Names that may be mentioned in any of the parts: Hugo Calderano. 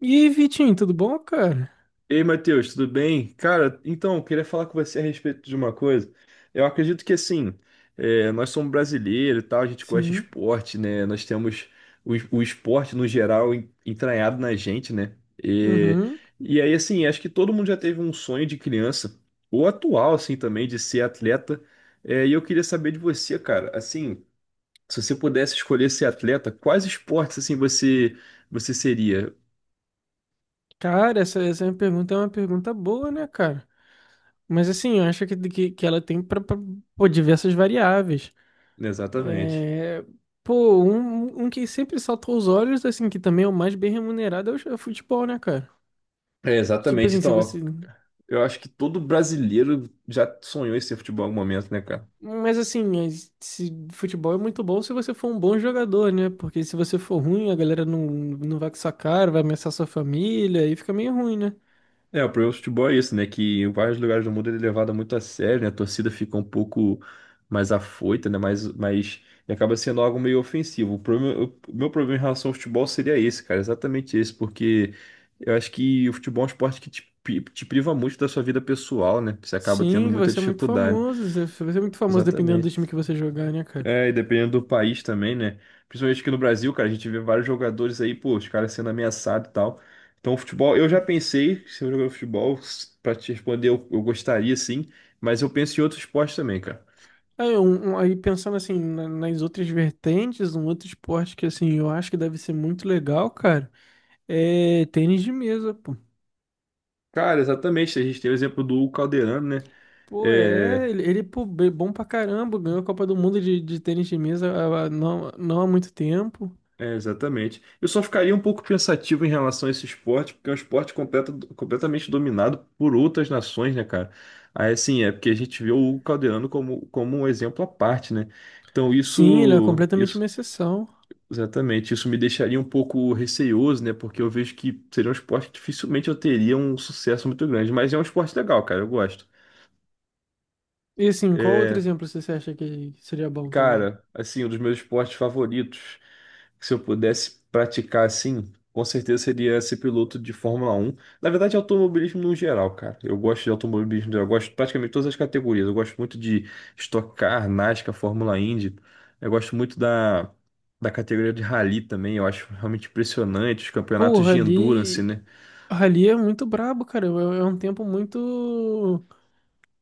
E aí, Vitinho, tudo bom, cara? Ei, Matheus, tudo bem? Cara, então, eu queria falar com você a respeito de uma coisa. Eu acredito que, assim, nós somos brasileiros e tal, a gente gosta de Sim. esporte, né? Nós temos o esporte, no geral, entranhado na gente, né? E, Uhum. e aí, assim, acho que todo mundo já teve um sonho de criança, ou atual, assim, também, de ser atleta. É, e eu queria saber de você, cara, assim, se você pudesse escolher ser atleta, quais esportes, assim, você seria? Cara, essa minha pergunta é uma pergunta boa, né, cara? Mas assim, eu acho que ela tem para diversas variáveis. Exatamente. É, Pô, um que sempre salta aos olhos, assim, que também é o mais bem remunerado é é o futebol, né, cara? É, Tipo exatamente. assim, se Então, você. ó, eu acho que todo brasileiro já sonhou em ser futebol em algum momento, né, cara? Mas assim, se futebol é muito bom se você for um bom jogador, né? Porque se você for ruim, a galera não vai com sua cara, vai ameaçar sua família, aí fica meio ruim, né? É, o problema do futebol é isso, né? Que em vários lugares do mundo ele é levado muito a sério, né? A torcida fica um pouco mais afoita, né? E acaba sendo algo meio ofensivo. O problema, o meu problema em relação ao futebol seria esse, cara. Exatamente esse, porque eu acho que o futebol é um esporte que te priva muito da sua vida pessoal, né? Você acaba tendo Sim, que vai muita ser muito dificuldade. famoso. Você vai ser muito famoso dependendo do time Exatamente. que você jogar, né, cara? É, e dependendo do país também, né? Principalmente aqui no Brasil, cara, a gente vê vários jogadores aí, pô, os caras sendo ameaçados e tal. Então, o futebol, eu já pensei, que se eu jogar futebol, pra te responder, eu gostaria sim, mas eu penso em outros esportes também, cara. Aí, pensando assim, nas outras vertentes, um outro esporte que assim, eu acho que deve ser muito legal, cara, é tênis de mesa, pô. Cara, exatamente, a gente tem o exemplo do Hugo Calderano, né? Pô, É, é, ele, pô, é bom pra caramba, ganhou a Copa do Mundo de tênis de mesa não, não há muito tempo. É, exatamente. Eu só ficaria um pouco pensativo em relação a esse esporte, porque é um esporte completamente dominado por outras nações, né, cara? Aí, assim, é porque a gente vê o Hugo Calderano como um exemplo à parte, né? Então, Sim, ele é isso, completamente isso, uma exceção. exatamente, isso me deixaria um pouco receioso, né? Porque eu vejo que seria um esporte que dificilmente eu teria um sucesso muito grande, mas é um esporte legal, cara, eu gosto. E assim, qual outro É, exemplo você acha que seria bom também? cara, assim, um dos meus esportes favoritos, que se eu pudesse praticar assim, com certeza seria ser piloto de Fórmula 1. Na verdade, automobilismo no geral, cara. Eu gosto de automobilismo, no geral, eu gosto de praticamente todas as categorias. Eu gosto muito de Stock Car, NASCAR, Fórmula Indy. Eu gosto muito da categoria de rally também. Eu acho realmente impressionante os campeonatos Porra, de endurance, ali. né? Ali é muito brabo, cara. É um tempo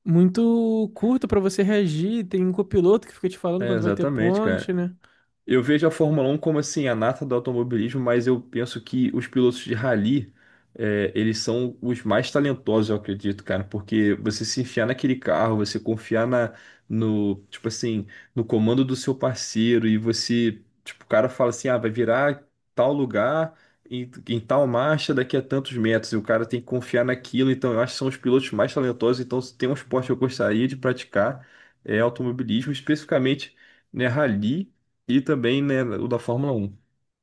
muito curto pra você reagir. Tem um copiloto que fica te falando É, quando vai ter exatamente, cara. ponte, né? Eu vejo a Fórmula 1 como assim a nata do automobilismo, mas eu penso que os pilotos de rally, eles são os mais talentosos, eu acredito, cara, porque você se enfiar naquele carro, você confiar no, tipo assim, no comando do seu parceiro e você, tipo, o cara fala assim, ah, vai virar tal lugar em tal marcha daqui a tantos metros e o cara tem que confiar naquilo. Então, eu acho que são os pilotos mais talentosos. Então, se tem um esporte que eu gostaria de praticar é automobilismo, especificamente, né, rally. E também, né, o da Fórmula 1.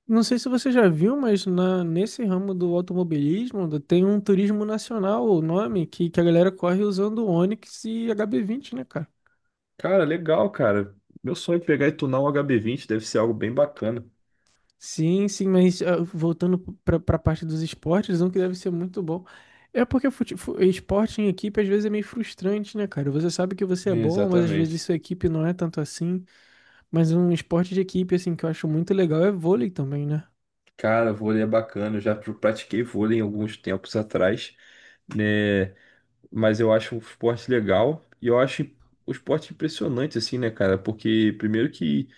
Não sei se você já viu, mas nesse ramo do automobilismo tem um turismo nacional, o nome, que a galera corre usando Onix e HB20, né, cara? Cara, legal, cara. Meu sonho é pegar e tunar um HB20, deve ser algo bem bacana. Sim, sim, mas ah, voltando pra parte dos esportes, um que deve ser muito bom. É porque esporte em equipe às vezes é meio frustrante, né, cara? Você sabe que você é É, bom, mas às vezes exatamente. sua equipe não é tanto assim. Mas um esporte de equipe, assim, que eu acho muito legal é vôlei também, né? Cara, vôlei é bacana, eu já pratiquei vôlei em alguns tempos atrás, né? Mas eu acho um esporte legal e eu acho o esporte impressionante, assim, né, cara? Porque, primeiro, que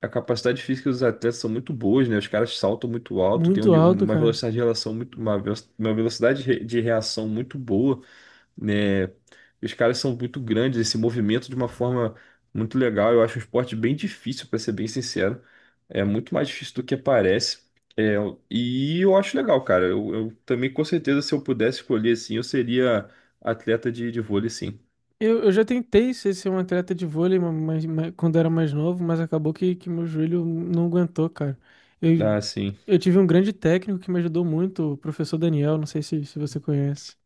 a capacidade física dos atletas são muito boas, né? Os caras saltam muito alto, tem Muito um- alto, uma cara. velocidade de relação muito, uma velocidade de reação muito boa. Né? Os caras são muito grandes, esse movimento de uma forma muito legal. Eu acho um esporte bem difícil, para ser bem sincero. É muito mais difícil do que parece. É, e eu acho legal, cara. Eu também, com certeza, se eu pudesse escolher assim, eu seria atleta de vôlei, sim. Eu já tentei ser um atleta de vôlei quando era mais novo, mas acabou que meu joelho não aguentou, cara. Eu, Ah, sim. eu tive um grande técnico que me ajudou muito, o professor Daniel, não sei se você conhece.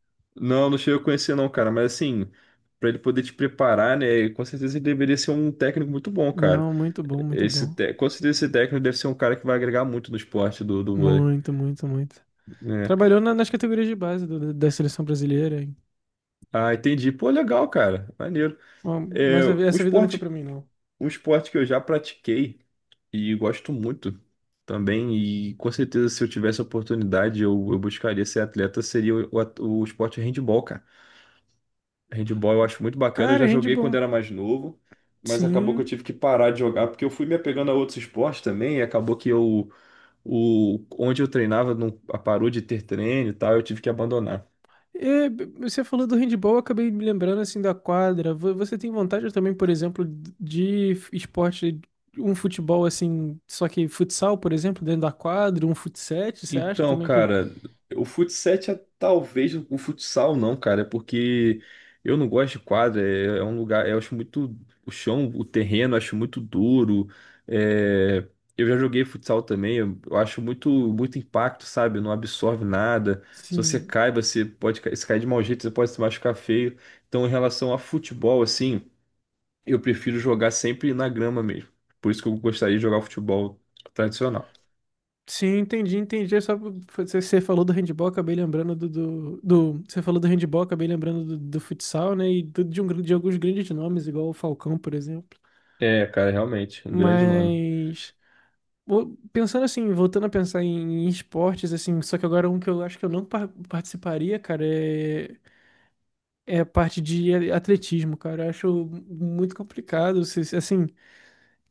Não, não cheguei a conhecer, não, cara. Mas assim, para ele poder te preparar, né? Com certeza ele deveria ser um técnico muito bom, cara. Não, muito bom, muito Esse, bom. Com certeza esse técnico deve ser um cara que vai agregar muito no esporte do vôlei, Muito, muito, muito. né? Trabalhou nas categorias de base da seleção brasileira, hein? Ah, entendi. Pô, legal, cara. Maneiro. Bom, É, mas um essa vida não foi pra esporte, mim, não. um esporte que eu já pratiquei e gosto muito também, e com certeza se eu tivesse a oportunidade, eu buscaria ser atleta, seria o esporte handball, cara. Handball eu acho muito bacana. Eu Cara, já joguei quando handball. era mais novo, mas acabou que eu Sim. tive que parar de jogar, porque eu fui me apegando a outros esportes também, e acabou que eu, o, onde eu treinava não parou de ter treino e tal, eu tive que abandonar. É, você falou do handball, eu acabei me lembrando assim da quadra. Você tem vontade também, por exemplo, de esporte, um futebol assim, só que futsal, por exemplo, dentro da quadra, um futsete, você acha Então, também que. cara, o futsal é talvez o futsal não, cara, é porque eu não gosto de quadra, é um lugar, eu acho muito o chão, o terreno, eu acho muito duro. É, eu já joguei futsal também, eu acho muito muito impacto, sabe? Não absorve nada. Se você Sim. cai, você pode se cair de mau jeito, você pode se machucar feio. Então, em relação a futebol, assim, eu prefiro jogar sempre na grama mesmo. Por isso que eu gostaria de jogar futebol tradicional. Sim, entendi, entendi. É. Só você, você falou do handball, acabei lembrando do Você falou do handball, acabei lembrando do futsal, né? E de alguns grandes nomes, igual o Falcão, por exemplo. É, cara, realmente, um grande nome. Mas. Bom, pensando assim, voltando a pensar em, em esportes, assim, só que agora um que eu acho que eu não par- participaria, cara, é a parte de atletismo, cara. Eu acho muito complicado. Assim,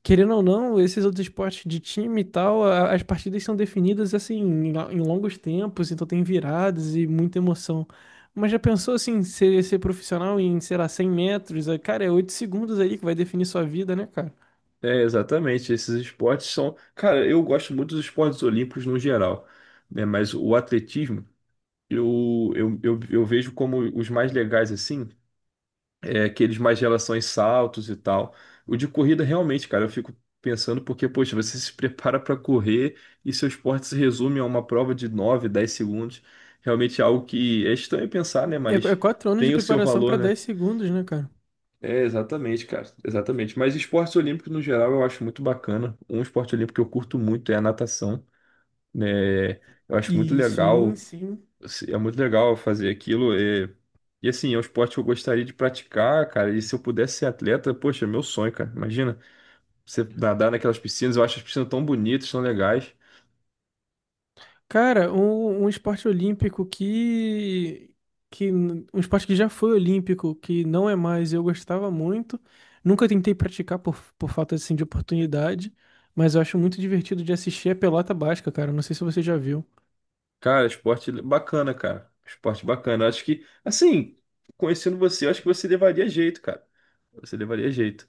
querendo ou não, esses outros esportes de time e tal, as partidas são definidas assim em, em longos tempos, então tem viradas e muita emoção. Mas já pensou assim, ser profissional em, sei lá, 100 metros? É, cara, é 8 segundos aí que vai definir sua vida, né, cara? É, exatamente. Esses esportes são. Cara, eu gosto muito dos esportes olímpicos no geral, né? Mas o atletismo, eu vejo como os mais legais, assim, é aqueles mais de relações saltos e tal. O de corrida, realmente, cara, eu fico pensando porque, poxa, você se prepara para correr e seu esporte se resume a uma prova de 9, 10 segundos. Realmente é algo que é estranho pensar, né? É, é Mas 4 anos de tem o seu preparação pra valor, né? 10 segundos, né, cara? É, exatamente, cara. Exatamente. Mas esportes olímpicos, no geral, eu acho muito bacana. Um esporte olímpico que eu curto muito é a natação, né? Eu acho muito E sim, legal, sim. assim, é muito legal fazer aquilo. É. E assim, é um esporte que eu gostaria de praticar, cara. E se eu pudesse ser atleta, poxa, é meu sonho, cara. Imagina você nadar naquelas piscinas. Eu acho as piscinas tão bonitas, tão legais. Cara, um esporte olímpico que. Um esporte que já foi olímpico, que não é mais, eu gostava muito. Nunca tentei praticar por falta assim, de oportunidade, mas eu acho muito divertido de assistir a pelota basca, cara. Não sei se você já viu. Cara, esporte bacana, cara. Esporte bacana. Eu acho que, assim, conhecendo você, eu acho que você levaria jeito, cara. Você levaria jeito.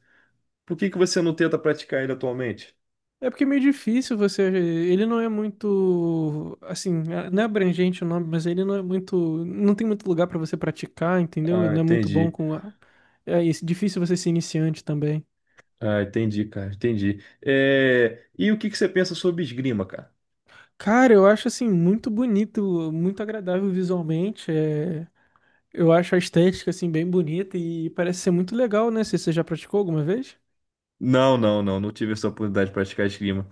Por que que você não tenta praticar ele atualmente? É porque é meio difícil você. Ele não é muito. Assim, é, não é abrangente o nome, mas ele não é muito. Não tem muito lugar pra você praticar, entendeu? Ah, Não é muito bom entendi. com. É isso, difícil você ser iniciante também. Ah, entendi, cara, entendi. É, e o que que você pensa sobre esgrima, cara? Cara, eu acho assim muito bonito, muito agradável visualmente. Eu acho a estética assim bem bonita e parece ser muito legal, né? Se você já praticou alguma vez? Não, não, não, não tive essa oportunidade de praticar esgrima.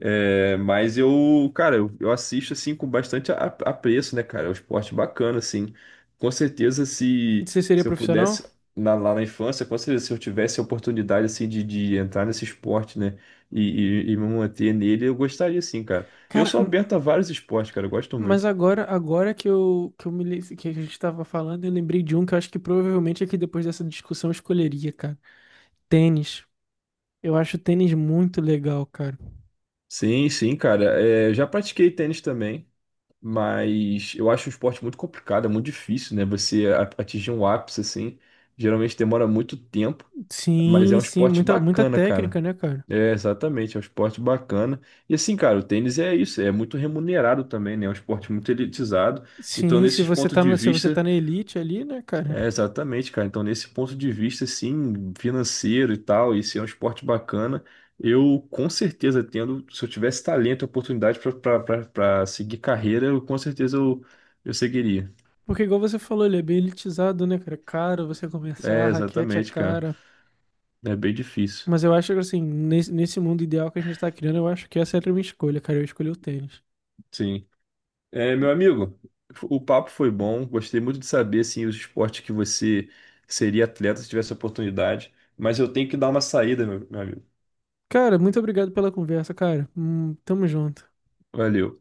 É, mas eu, cara, eu assisto assim com bastante apreço, né, cara? É um esporte bacana, assim. Com certeza, se, Você seria se eu profissional? pudesse, lá na infância, com certeza, se eu tivesse a oportunidade, assim, de entrar nesse esporte, né, e, e me manter nele, eu gostaria, sim, cara. Eu Cara, sou aberto a vários esportes, cara, eu gosto mas muito. agora, agora que a gente tava falando, eu lembrei de um que eu acho que provavelmente aqui depois dessa discussão eu escolheria, cara. Tênis. Eu acho tênis muito legal, cara. Sim, sim, cara. É, eu já pratiquei tênis também, mas eu acho um esporte muito complicado, é muito difícil, né? Você atingir um ápice assim, geralmente demora muito tempo, mas é Sim, um sim, é esporte muita bacana, técnica, cara. né, cara? É, exatamente, é um esporte bacana. E assim, cara, o tênis é isso, é muito remunerado também, né? É um esporte muito elitizado. Então, Sim, se nesses você pontos tá, de se você tá vista, na elite ali, né, cara? é, exatamente, cara. Então, nesse ponto de vista, assim, financeiro e tal, e se é um esporte bacana, eu com certeza tendo, se eu tivesse talento e oportunidade para seguir carreira, eu com certeza eu seguiria. Porque igual você falou, ele é bem elitizado, né, cara? É caro você começar, É, a raquete é exatamente, cara. cara. É bem difícil. Mas eu acho que assim, nesse mundo ideal que a gente tá criando, eu acho que essa era a minha escolha, cara. Eu escolhi o tênis. Sim. É, meu amigo, o papo foi bom. Gostei muito de saber, assim, os esportes que você seria atleta se tivesse oportunidade. Mas eu tenho que dar uma saída, meu amigo. Cara, muito obrigado pela conversa, cara. Tamo junto. Valeu.